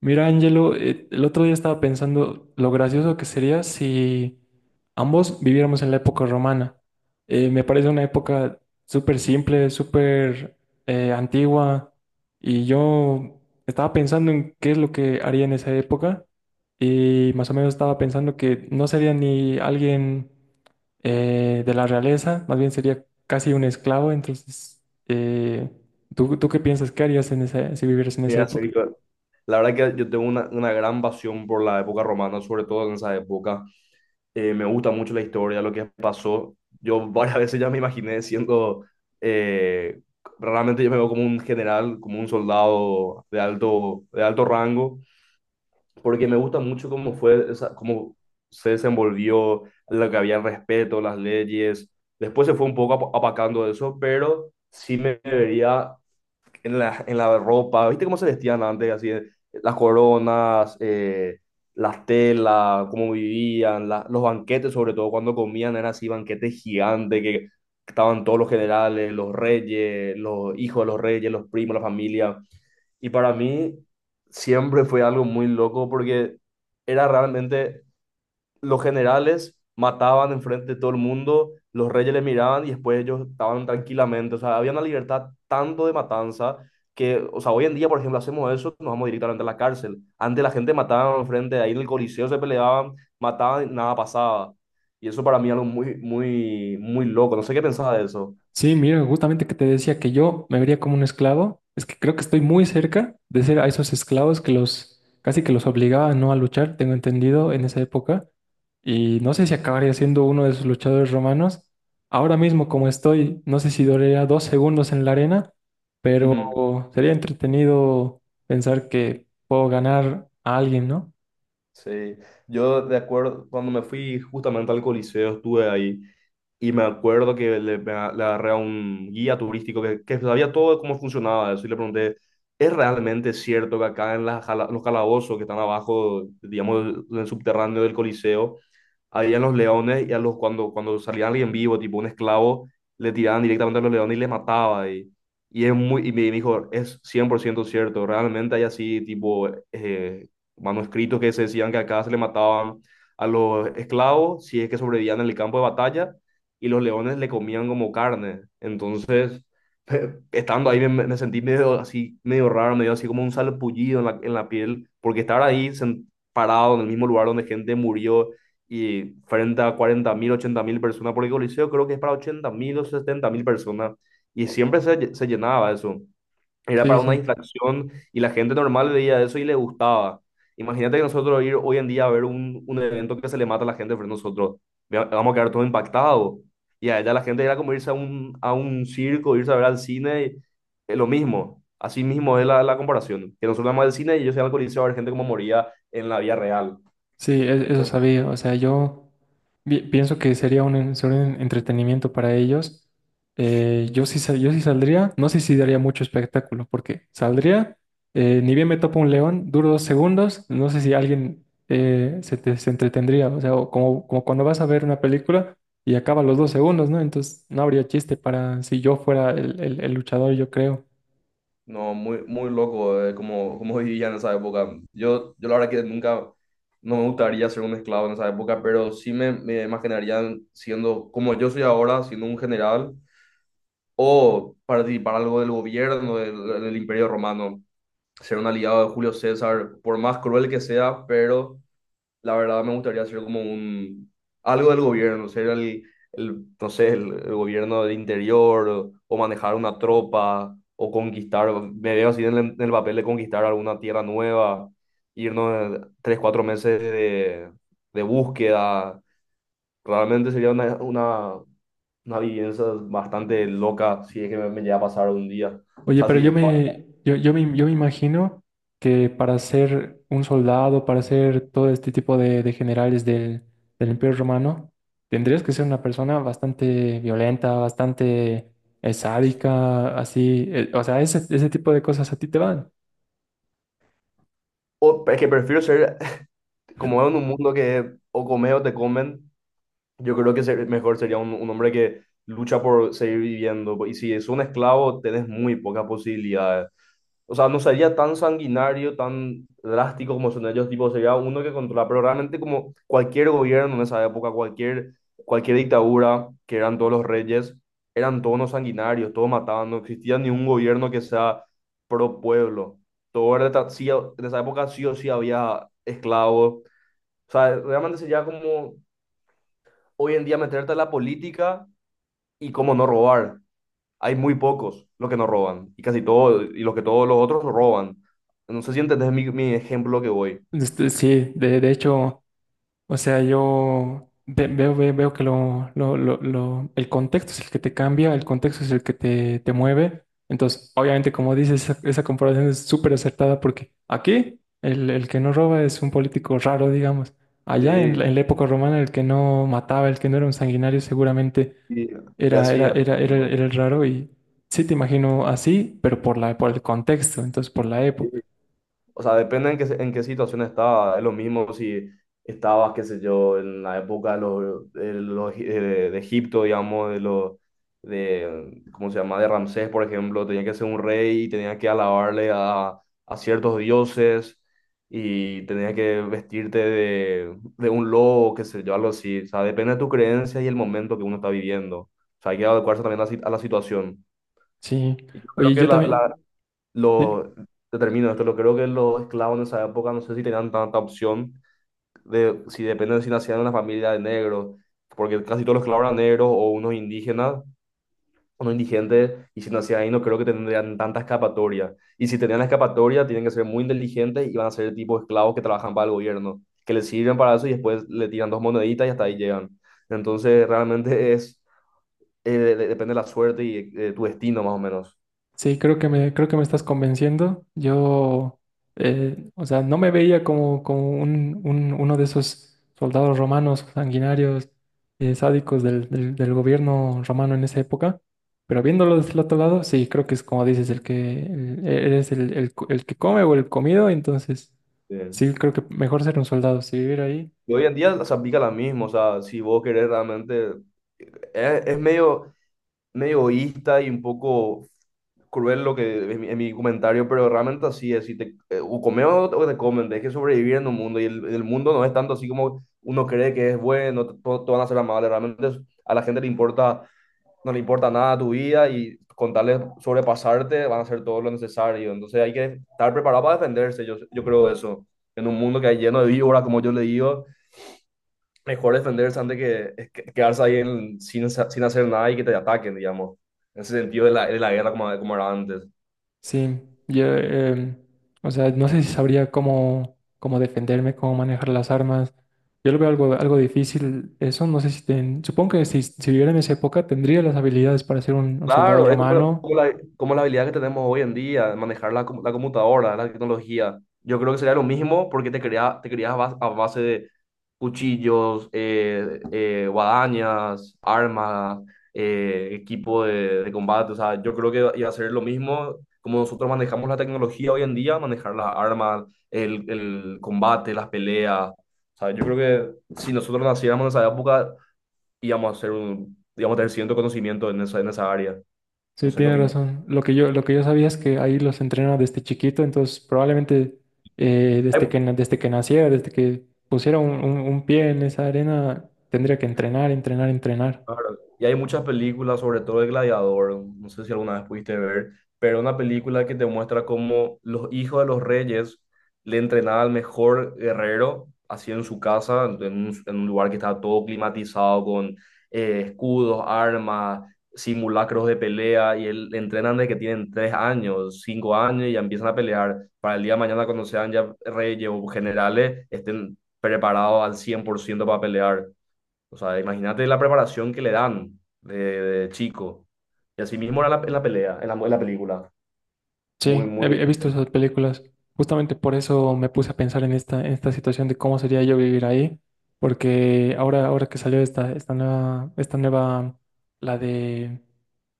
Mira, Angelo, el otro día estaba pensando lo gracioso que sería si ambos viviéramos en la época romana. Me parece una época súper simple, súper antigua, y yo estaba pensando en qué es lo que haría en esa época, y más o menos estaba pensando que no sería ni alguien de la realeza, más bien sería casi un esclavo. Entonces, eh, ¿Tú qué piensas que harías en esa, si vivieras en Sí, esa así época? que la verdad que yo tengo una gran pasión por la época romana, sobre todo en esa época. Me gusta mucho la historia, lo que pasó. Yo varias veces ya me imaginé siendo, eh, realmente yo me veo como un general, como un soldado de alto rango, porque me gusta mucho cómo fue, esa, cómo se desenvolvió, lo que había el respeto, las leyes. Después se fue un poco apacando eso, pero sí me vería en la ropa. ¿Viste cómo se vestían antes? Así, las coronas, las telas, cómo vivían, los banquetes, sobre todo cuando comían, eran así banquetes gigantes que estaban todos los generales, los reyes, los hijos de los reyes, los primos, la familia. Y para mí siempre fue algo muy loco porque era realmente los generales mataban enfrente de todo el mundo, los reyes le miraban y después ellos estaban tranquilamente. O sea, había una libertad tanto de matanza que, o sea, hoy en día, por ejemplo, hacemos eso, nos vamos directamente a la cárcel. Antes la gente mataba enfrente, de ahí en el Coliseo se peleaban, mataban y nada pasaba. Y eso para mí es algo muy, muy, muy loco. No sé qué pensaba de eso. Sí, mira, justamente que te decía que yo me vería como un esclavo, es que creo que estoy muy cerca de ser a esos esclavos que los casi que los obligaban no a luchar, tengo entendido en esa época, y no sé si acabaría siendo uno de esos luchadores romanos. Ahora mismo como estoy, no sé si duraría dos segundos en la arena, Ujú. pero sería entretenido pensar que puedo ganar a alguien, ¿no? Sí, yo de acuerdo, cuando me fui justamente al Coliseo, estuve ahí. Y me acuerdo que le agarré a un guía turístico que sabía todo de cómo funcionaba eso y le pregunté, ¿es realmente cierto que acá en, los calabozos que están abajo, digamos, en el subterráneo del Coliseo, habían los leones y a los, cuando salía alguien vivo, tipo un esclavo, le tiraban directamente a los leones y les mataba? Y me dijo, es 100% cierto, realmente hay así, tipo, manuscritos que se decían que acá se le mataban a los esclavos si es que sobrevivían en el campo de batalla y los leones le comían como carne. Entonces, estando ahí me sentí medio así, medio raro, medio así como un salpullido en la, piel, porque estar ahí parado en el mismo lugar donde gente murió y frente a 40.000, 80.000 personas, porque el Coliseo creo que es para 80.000 o 70.000 personas, y siempre se llenaba eso. Era Sí, para una sí. distracción y la gente normal veía eso y le gustaba. Imagínate que nosotros ir hoy en día a ver un evento que se le mata a la gente frente a nosotros. Vamos a quedar todos impactados. Y a ella la gente era como irse a un, circo, irse a ver al cine, es lo mismo. Así mismo es la comparación. Que nosotros vamos al cine y ellos iban al coliseo a ver gente como moría en la vida real. Sí, eso sabía. O sea, yo pienso que sería un, sería un entretenimiento para ellos. Yo sí, yo sí saldría, no sé si daría mucho espectáculo, porque saldría, ni bien me topo un león, duro dos segundos, no sé si alguien se entretendría. O sea, o como, como cuando vas a ver una película y acaba los dos segundos, ¿no? Entonces no habría chiste para si yo fuera el, el luchador, yo creo. No, muy, muy loco, como vivía en esa época. Yo la verdad que nunca, no me gustaría ser un esclavo en esa época, pero sí me imaginaría siendo, como yo soy ahora, siendo un general, o participar algo del gobierno del Imperio Romano, ser un aliado de Julio César, por más cruel que sea, pero la verdad me gustaría ser como un algo del gobierno, ser el no sé, el gobierno del interior o, manejar una tropa o conquistar, me veo así en el papel de conquistar alguna tierra nueva, irnos 3, 4 meses de búsqueda. Realmente sería una, una vivencia bastante loca si es que me llega a pasar un día. O Oye, sea, pero si, yo me imagino que para ser un soldado, para ser todo este tipo de generales del, del Imperio Romano, tendrías que ser una persona bastante violenta, bastante sádica, así. O sea, ese tipo de cosas a ti te van. Es que prefiero ser, como veo en un mundo que o comes o te comen. Yo creo que mejor sería un hombre que lucha por seguir viviendo. Y si es un esclavo, tenés muy pocas posibilidades. O sea, no sería tan sanguinario, tan drástico como son ellos, tipo, sería uno que controla, pero realmente como cualquier gobierno en esa época, cualquier dictadura, que eran todos los reyes, eran todos unos sanguinarios, todos mataban, no existía ni un gobierno que sea pro pueblo. Todo era, sí, en esa época sí o sí había esclavos. O sea, realmente sería como hoy en día meterte a la política y cómo no robar. Hay muy pocos los que no roban y casi todos, y los que todos los otros roban. No sé si entendés mi ejemplo que voy. Este, sí, de hecho. O sea, yo veo, veo, que lo, el contexto es el que te cambia, el contexto es el que te mueve. Entonces, obviamente, como dices, esa comparación es súper acertada porque aquí el que no roba es un político raro, digamos. Allá Sí, en la época romana, el que no mataba, el que no era un sanguinario, seguramente y, y era, así. Así. era el raro. Y sí te imagino así, pero por la, por el contexto, entonces por la época. O sea, depende en qué, en qué situación estaba. Es lo mismo si estabas, qué sé yo, en la época de, de Egipto, digamos, de los, de, ¿cómo se llama? De Ramsés, por ejemplo, tenía que ser un rey y tenía que alabarle a, ciertos dioses y tenía que vestirte de un lobo, qué sé yo, algo así. O sea, depende de tu creencia y el momento que uno está viviendo. O sea, hay que adecuarse también a la si- a la situación. Sí. Y yo creo Oye, que yo la, también. ¿Sí? lo, te termino esto, lo creo que los esclavos en esa época no sé si tenían tanta opción de si dependen de si nacían en una familia de negros, porque casi todos los esclavos eran negros o unos indígenas, unos indigentes, y si nacían ahí no creo que tendrían tanta escapatoria. Y si tenían la escapatoria, tienen que ser muy inteligentes y van a ser el tipo de esclavos que trabajan para el gobierno, que les sirven para eso y después le tiran dos moneditas y hasta ahí llegan. Entonces realmente depende de la suerte y tu destino más o menos. Sí, creo que me estás convenciendo. Yo, o sea, no me veía como, como un, uno de esos soldados romanos sanguinarios, sádicos del, del gobierno romano en esa época. Pero viéndolo desde el otro lado, sí, creo que es como dices, el que eres el, el que come o el comido, entonces Sí. sí, creo que mejor ser un soldado. Si vivir ahí, Y hoy en día se aplica la misma. O sea, si vos querés realmente, es medio, medio egoísta y un poco cruel lo que en mi, comentario, pero realmente así es, si o comes o te comen, tenés que sobrevivir en un mundo y el mundo no es tanto así como uno cree que es bueno, todos van a ser amables, realmente a la gente le importa, no le importa nada tu vida y con tal de sobrepasarte van a hacer todo lo necesario, entonces hay que estar preparado para defenderse, yo creo eso, en un mundo que hay lleno de víboras, como yo le digo. Mejor defenderse antes que quedarse ahí sin hacer nada y que te ataquen, digamos. En ese sentido de la, guerra como era antes. sí, yo, o sea, no sé si sabría cómo, cómo defenderme, cómo manejar las armas. Yo lo veo algo, algo difícil. Eso no sé si supongo que si, si viviera en esa época tendría las habilidades para ser un soldado Claro, es como la, romano. como la, como la habilidad que tenemos hoy en día, manejar la, la computadora, la tecnología. Yo creo que sería lo mismo porque te creas a base, de cuchillos, guadañas, armas, equipo de, combate. O sea, yo creo que iba a ser lo mismo como nosotros manejamos la tecnología hoy en día, manejar las armas, el combate, las peleas. O sea, yo creo que si nosotros naciéramos en esa época, íbamos a ser un, íbamos a tener cierto conocimiento en esa área. No Sí, sé qué tiene opinas. razón. Lo que yo sabía es que ahí los entrena desde chiquito, entonces probablemente desde Hay- que, desde que naciera, desde que pusiera un, un pie en esa arena, tendría que entrenar, entrenar, entrenar. claro, y hay muchas películas, sobre todo de Gladiador. No sé si alguna vez pudiste ver, pero una película que te muestra cómo los hijos de los reyes le entrenaban al mejor guerrero, así en su casa, en un lugar que estaba todo climatizado con escudos, armas, simulacros de pelea, y él, le entrenan desde que tienen 3 años, 5 años, y ya empiezan a pelear para el día de mañana cuando sean ya reyes o generales, estén preparados al 100% para pelear. O sea, imagínate la preparación que le dan de, chico. Y así mismo era en la pelea, en la película. Muy, Sí, he, muy... he visto esas películas. Justamente por eso me puse a pensar en esta situación de cómo sería yo vivir ahí, porque ahora, ahora que salió esta, esta nueva, la de,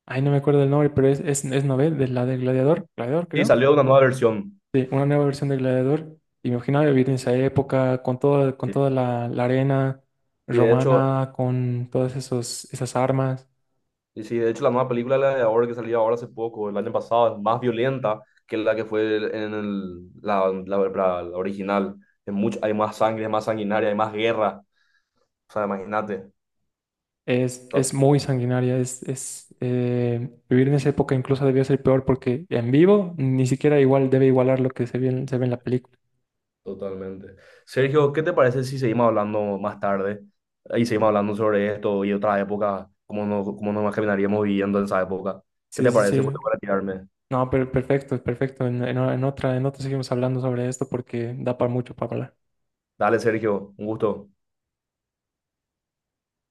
ay, no me acuerdo el nombre, pero es novel, de la de Gladiador, Gladiador Sí, creo. salió una nueva versión. Sí, una nueva versión de Gladiador. Y me imaginaba vivir en esa época con todo, con Sí. toda la, la arena Y de hecho, romana, con todas esos, esas armas. de hecho, la nueva película, la de ahora que salió ahora hace poco, el año pasado, es más violenta que la que fue el- en el- la- la original. Es mucho, hay más sangre, es más sanguinaria, hay más guerra. O sea, imagínate. Es muy sanguinaria, es, vivir en esa época incluso debió ser peor porque en vivo ni siquiera igual debe igualar lo que se ve en la película. Totalmente. Sergio, ¿qué te parece si seguimos hablando más tarde y seguimos hablando sobre esto y otras épocas, cómo cómo nos imaginaríamos viviendo en esa época? ¿Qué Sí, te sí, parece? Voy sí. a retirarme. No, pero perfecto, perfecto. En, en otra seguimos hablando sobre esto porque da para mucho para hablar. Dale, Sergio, un gusto.